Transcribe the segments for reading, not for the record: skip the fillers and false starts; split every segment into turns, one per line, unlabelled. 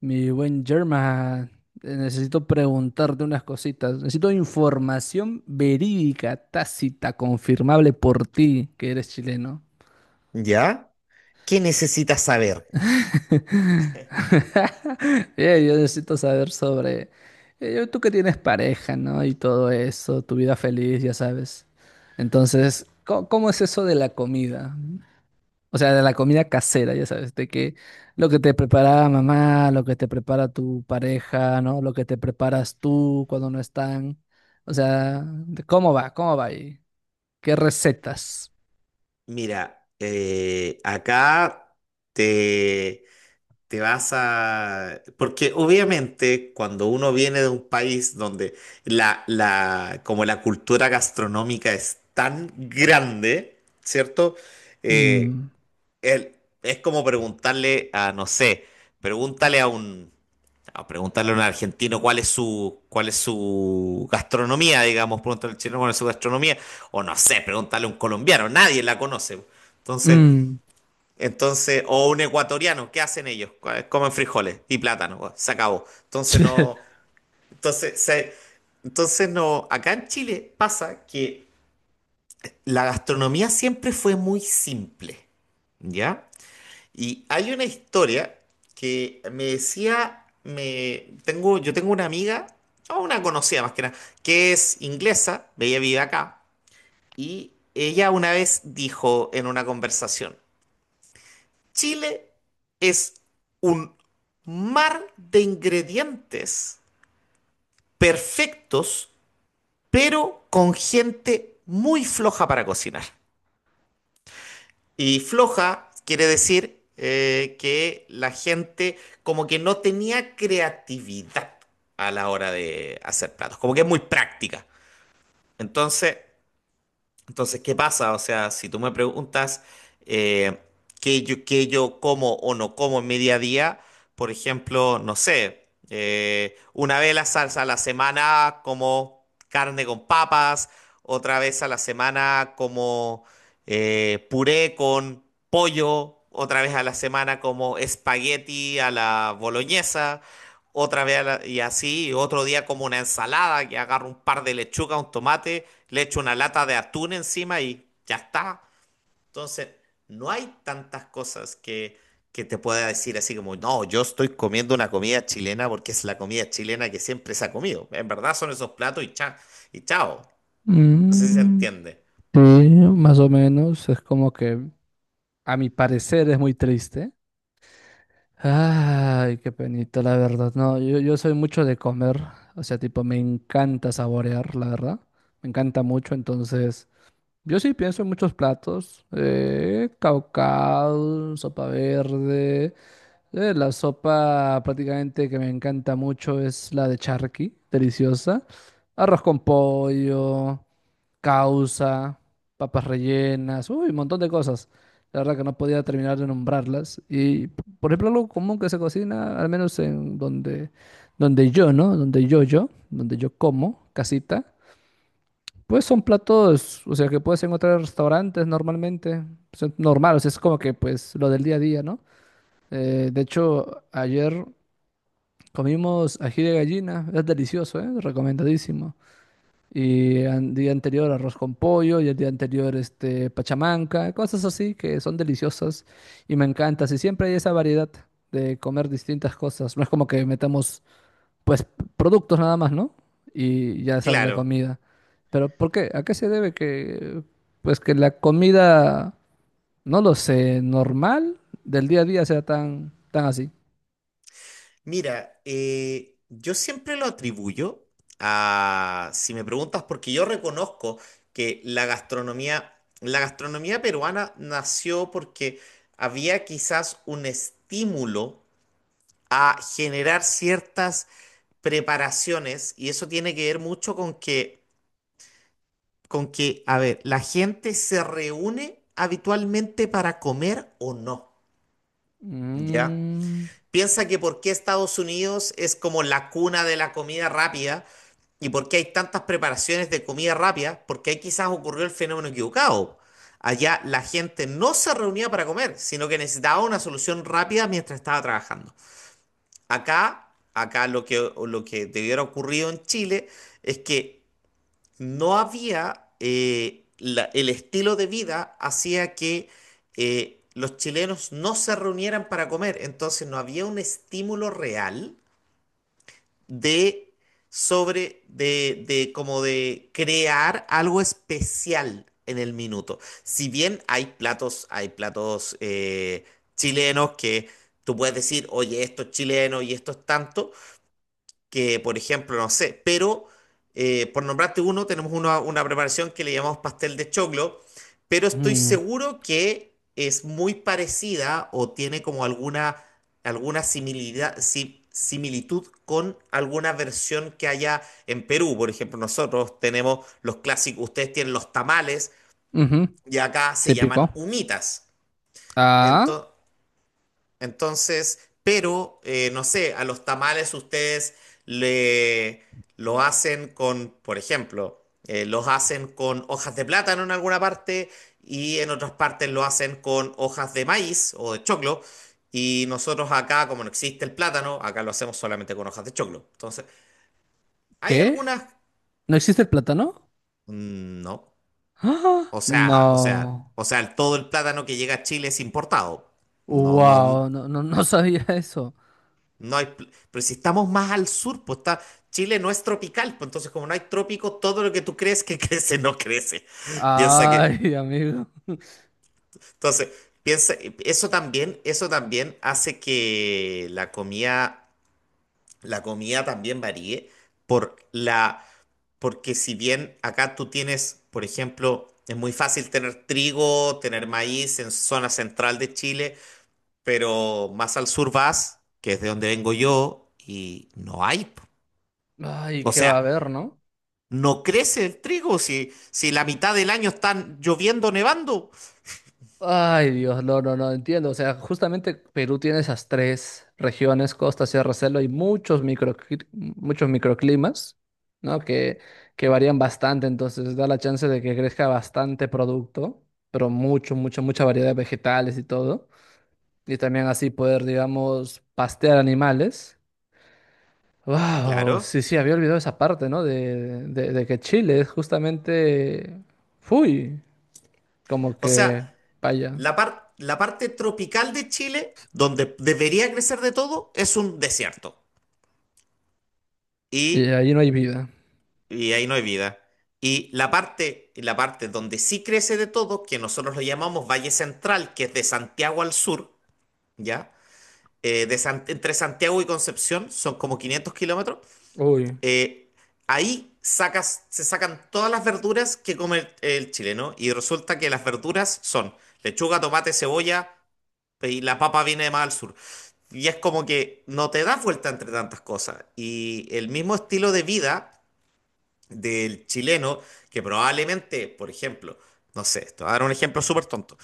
Mi buen Germa, necesito preguntarte unas cositas. Necesito información verídica, tácita, confirmable por ti, que eres chileno.
¿Ya? ¿Qué necesitas saber?
Yo necesito saber sobre tú que tienes pareja, ¿no? Y todo eso, tu vida feliz, ya sabes. Entonces, ¿cómo es eso de la comida? O sea, de la comida casera, ya sabes, de que lo que te prepara mamá, lo que te prepara tu pareja, ¿no? Lo que te preparas tú cuando no están. O sea, de ¿cómo va? ¿Cómo va ahí? ¿Qué recetas?
Mira, acá te, te vas a... Porque obviamente cuando uno viene de un país donde como la cultura gastronómica es tan grande, ¿cierto? Eh,
Mm,
el- es como preguntarle a, no sé, pregúntale a un, A preguntarle a un argentino cuál es su gastronomía, digamos, preguntarle al chileno cuál es su gastronomía, o no sé, preguntarle a un colombiano, nadie la conoce. Entonces,
mm,
entonces, o un ecuatoriano, ¿qué hacen ellos? Comen frijoles y plátano, pues, se acabó. Entonces, se- entonces no, acá en Chile pasa que la gastronomía siempre fue muy simple, ¿ya? Y hay una historia que me decía, me, tengo, yo tengo una amiga, o una conocida más que nada, que es inglesa. Ella vive acá, y ella una vez dijo en una conversación, Chile es un mar de ingredientes perfectos, pero con gente muy floja para cocinar. Y floja quiere decir que la gente como que no tenía creatividad a la hora de hacer platos, como que es muy práctica. Entonces, entonces, ¿qué pasa? O sea, si tú me preguntas eh, qué yo como o no como en mi día a día, por ejemplo, no sé, una vez la salsa a la semana como carne con papas, otra vez a la semana como puré con pollo, otra vez a la semana como espagueti a la boloñesa, otra vez a la- y así, y otro día como una ensalada, que agarro un par de lechuga, un tomate, le echo una lata de atún encima y ya está. Entonces, no hay tantas cosas que te pueda decir así como, no, yo estoy comiendo una comida chilena porque es la comida chilena que siempre se ha comido. En verdad son esos platos y y chao. No sé si se
mm,
entiende.
sí, más o menos. Es como que, a mi parecer, es muy triste. Ay, qué penito, la verdad. No, yo soy mucho de comer. O sea, tipo, me encanta saborear, la verdad. Me encanta mucho, entonces. Yo sí pienso en muchos platos, caucao, sopa verde, la sopa prácticamente que me encanta mucho es la de charqui, deliciosa, arroz con pollo, causa, papas rellenas, uy, un montón de cosas. La verdad que no podía terminar de nombrarlas. Y, por ejemplo, algo común que se cocina, al menos en donde, donde yo, ¿no? Donde yo como, casita. Pues son platos, o sea, que puedes encontrar en restaurantes normalmente. Son normal, o sea, es como que pues lo del día a día, ¿no? De hecho, ayer comimos ají de gallina, es delicioso, ¿eh? Recomendadísimo. Y el día anterior arroz con pollo y el día anterior este pachamanca, cosas así que son deliciosas y me encanta. Y siempre hay esa variedad de comer distintas cosas. No es como que metamos pues productos nada más, ¿no? Y ya sale la
Claro.
comida. Pero ¿por qué? ¿A qué se debe que, pues que la comida, no lo sé, normal del día a día sea tan, tan así?
Mira, yo siempre lo atribuyo a, si me preguntas, porque yo reconozco que la gastronomía peruana nació porque había quizás un estímulo a generar ciertas preparaciones, y eso tiene que ver mucho con que, a ver, la gente se reúne habitualmente para comer o no, ¿ya?
Mm,
Piensa que por qué Estados Unidos es como la cuna de la comida rápida y por qué hay tantas preparaciones de comida rápida, porque ahí quizás ocurrió el fenómeno equivocado. Allá la gente no se reunía para comer, sino que necesitaba una solución rápida mientras estaba trabajando. Acá lo que debiera ocurrido en Chile es que no había el estilo de vida hacía que los chilenos no se reunieran para comer, entonces no había un estímulo real de sobre de como de crear algo especial en el minuto. Si bien hay platos chilenos que tú puedes decir, oye, esto es chileno y esto es tanto, que, por ejemplo, no sé, pero por nombrarte uno, tenemos una preparación que le llamamos pastel de choclo, pero estoy
mm,
seguro que es muy parecida o tiene como alguna, alguna similidad, si- similitud con alguna versión que haya en Perú. Por ejemplo, nosotros tenemos los clásicos, ustedes tienen los tamales,
ujú,
y acá se llaman
típico.
humitas.
Ah,
Entonces, entonces, pero no sé, a los tamales ustedes le lo hacen con, por ejemplo, los hacen con hojas de plátano en alguna parte, y en otras partes lo hacen con hojas de maíz o de choclo. Y nosotros acá, como no existe el plátano, acá lo hacemos solamente con hojas de choclo. Entonces, hay
¿qué?
algunas...
¿No existe el plátano?
Mm, no.
¡Ah!
O sea, o sea,
No.
o sea, todo el plátano que llega a Chile es importado. No, no.
Wow, no, no, no sabía eso.
No hay. Pero si estamos más al sur, pues está, Chile no es tropical, pues entonces como no hay trópico, todo lo que tú crees que crece no crece. Piensa que,
Ay, amigo.
entonces, piensa, eso también, hace que la comida también varíe por porque si bien acá tú tienes, por ejemplo, es muy fácil tener trigo, tener maíz en zona central de Chile, pero más al sur vas, que es de donde vengo yo, y no hay, po.
Ay,
O
¿qué va a
sea,
haber, no?
no crece el trigo si, si la mitad del año están lloviendo, nevando.
Ay, Dios, no, no, no entiendo. O sea, justamente Perú tiene esas tres regiones, costa, sierra, selva, y muchos micro, muchos microclimas, ¿no? Que varían bastante, entonces da la chance de que crezca bastante producto, pero mucha variedad de vegetales y todo. Y también así poder, digamos, pastear animales. Wow, sí,
Claro.
sí, había olvidado esa parte, ¿no? De que Chile es justamente, fui, como
O sea,
que, vaya,
la parte tropical de Chile, donde debería crecer de todo, es un desierto.
y
Y,
ahí no hay vida.
y ahí no hay vida. Y la parte donde sí crece de todo, que nosotros lo llamamos Valle Central, que es de Santiago al sur, ¿ya? Entre Santiago y Concepción, son como 500 kilómetros.
Uy,
eh, Se sacan todas las verduras que come el chileno, y resulta que las verduras son lechuga, tomate, cebolla, y la papa viene de más al sur. Y es como que no te das vuelta entre tantas cosas. Y el mismo estilo de vida del chileno, que probablemente, por ejemplo, no sé, te voy a dar un ejemplo súper tonto.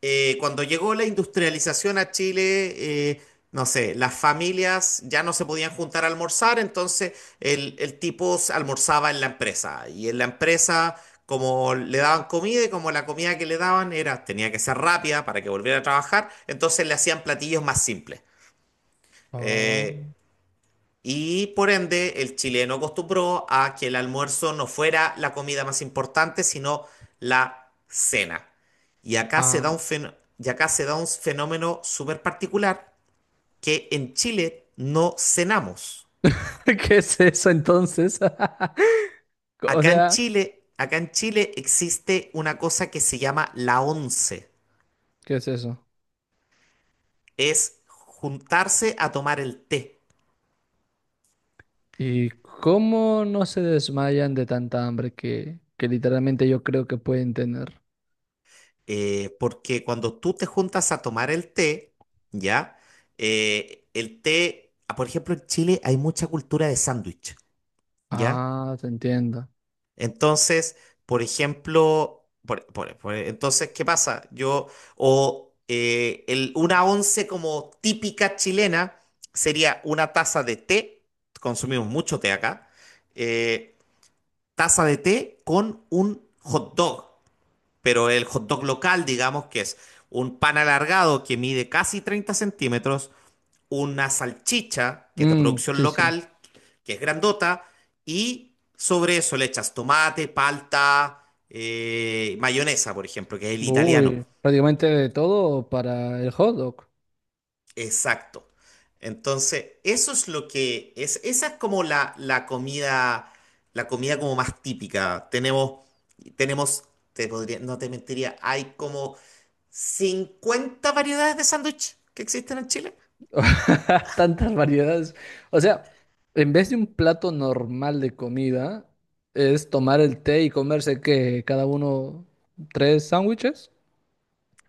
Cuando llegó la industrialización a Chile, no sé, las familias ya no se podían juntar a almorzar, entonces el tipo almorzaba en la empresa. Y en la empresa, como le daban comida y como la comida que le daban era, tenía que ser rápida para que volviera a trabajar, entonces le hacían platillos más simples.
oh,
Eh, y por ende, el chileno acostumbró a que el almuerzo no fuera la comida más importante, sino la cena.
ah,
Y acá se da un fenómeno súper particular, que en Chile no cenamos.
¿qué es eso entonces? O
Acá en
sea,
Chile, acá en Chile existe una cosa que se llama la once.
¿qué es eso?
Es juntarse a tomar el té.
¿Y cómo no se desmayan de tanta hambre que literalmente yo creo que pueden tener?
Porque cuando tú te juntas a tomar el té, ¿ya? El té, ah, por ejemplo, en Chile hay mucha cultura de sándwich, ¿ya?
Ah, te entiendo.
Entonces, por ejemplo, entonces, ¿qué pasa? O una once como típica chilena sería una taza de té, consumimos mucho té acá. eh, Taza de té con un hot dog, pero el hot dog local, digamos que es un pan alargado que mide casi 30 centímetros, una salchicha que es de
Mm,
producción
sí, sí.
local, que es grandota, y sobre eso le echas tomate, palta, mayonesa, por ejemplo, que es el italiano.
Uy, prácticamente de todo para el hot dog.
Exacto. Entonces, eso es lo que es, esa es como la comida, la comida como más típica. Tenemos, te podría, no te mentiría, hay como 50 variedades de sándwich que existen en Chile.
Tantas variedades. O sea, en vez de un plato normal de comida, es tomar el té y comerse que cada uno tres sándwiches.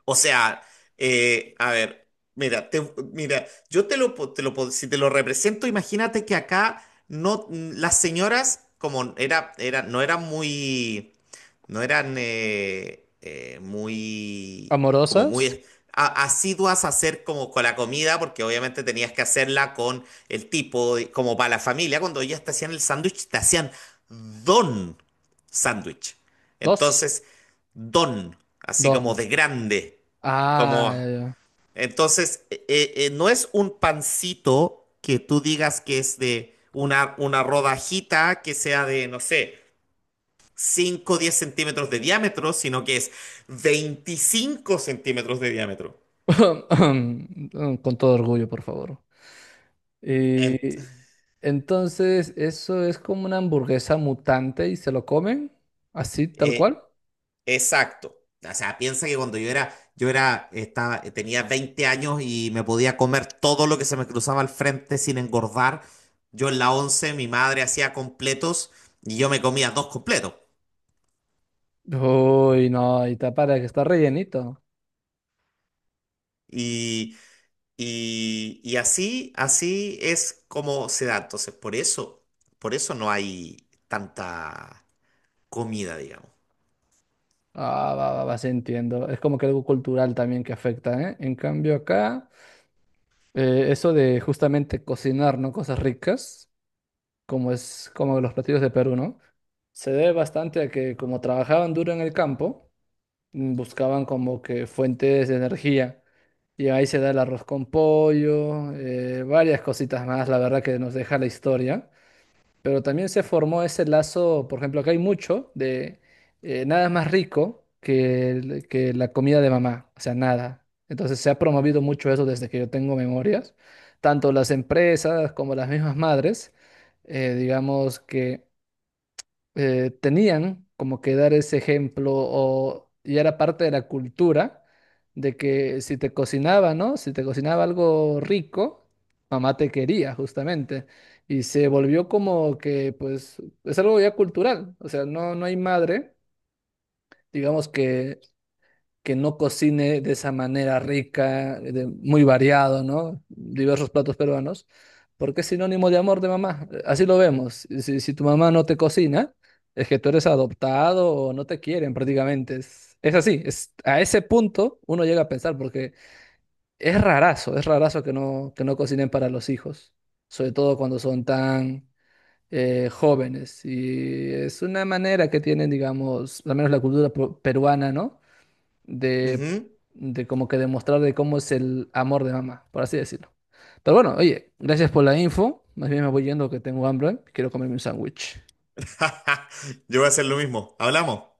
O sea, a ver, mira, mira, yo te lo, po- si te lo represento, imagínate que acá no, las señoras, como no eran muy, no eran muy, como
Amorosas,
muy asiduas a hacer como con la comida, porque obviamente tenías que hacerla con el tipo, como para la familia, cuando ellas te hacían el sándwich, te hacían don sándwich.
dos,
Entonces, don, así como
don.
de grande.
Ah,
Como,
ya, ya.
entonces, no es un pancito que tú digas que es de una rodajita que sea de, no sé, 5 o 10 centímetros de diámetro, sino que es 25 centímetros de diámetro.
Con todo orgullo, por favor.
En-
Y entonces, eso es como una hamburguesa mutante y se lo comen, así, tal
eh,
cual.
Exacto. O sea, piensa que cuando tenía 20 años y me podía comer todo lo que se me cruzaba al frente sin engordar. Yo en la 11 mi madre hacía completos, y yo me comía dos completos.
Uy, no, y está para que está rellenito.
Y, y así es como se da. Entonces, por eso no hay tanta comida, digamos.
Ah, sí entiendo. Es como que algo cultural también que afecta, ¿eh? En cambio, acá, eso de justamente cocinar, ¿no? Cosas ricas, como es como los platillos de Perú, ¿no? Se debe bastante a que como trabajaban duro en el campo, mm, buscaban como que fuentes de energía. Y ahí se da el arroz con pollo, varias cositas más, la verdad que nos deja la historia. Pero también se formó ese lazo, por ejemplo, acá hay mucho de nada más rico que, que la comida de mamá, o sea, nada. Entonces se ha promovido mucho eso desde que yo tengo memorias, tanto las empresas como las mismas madres, digamos que tenían como que dar ese ejemplo o y era parte de la cultura de que si te cocinaba, ¿no? Si te cocinaba algo rico, mamá te quería justamente. Y se volvió como que, pues, es algo ya cultural. O sea, no, no hay madre, digamos que no cocine de esa manera rica, muy variado, ¿no? Diversos platos peruanos, porque es sinónimo de amor de mamá. Así lo vemos. Si, si tu mamá no te cocina, es que tú eres adoptado o no te quieren prácticamente. Es así, es, a ese punto uno llega a pensar, porque es rarazo que no cocinen para los hijos, sobre todo cuando son tan... jóvenes y es una manera que tienen, digamos, al menos la cultura peruana, ¿no? de,
Ujú.
de como que demostrar de cómo es el amor de mamá, por así decirlo. Pero bueno, oye, gracias por la info. Más bien me voy yendo que tengo hambre. Quiero comerme un sándwich.
Yo voy a hacer lo mismo. Hablamos.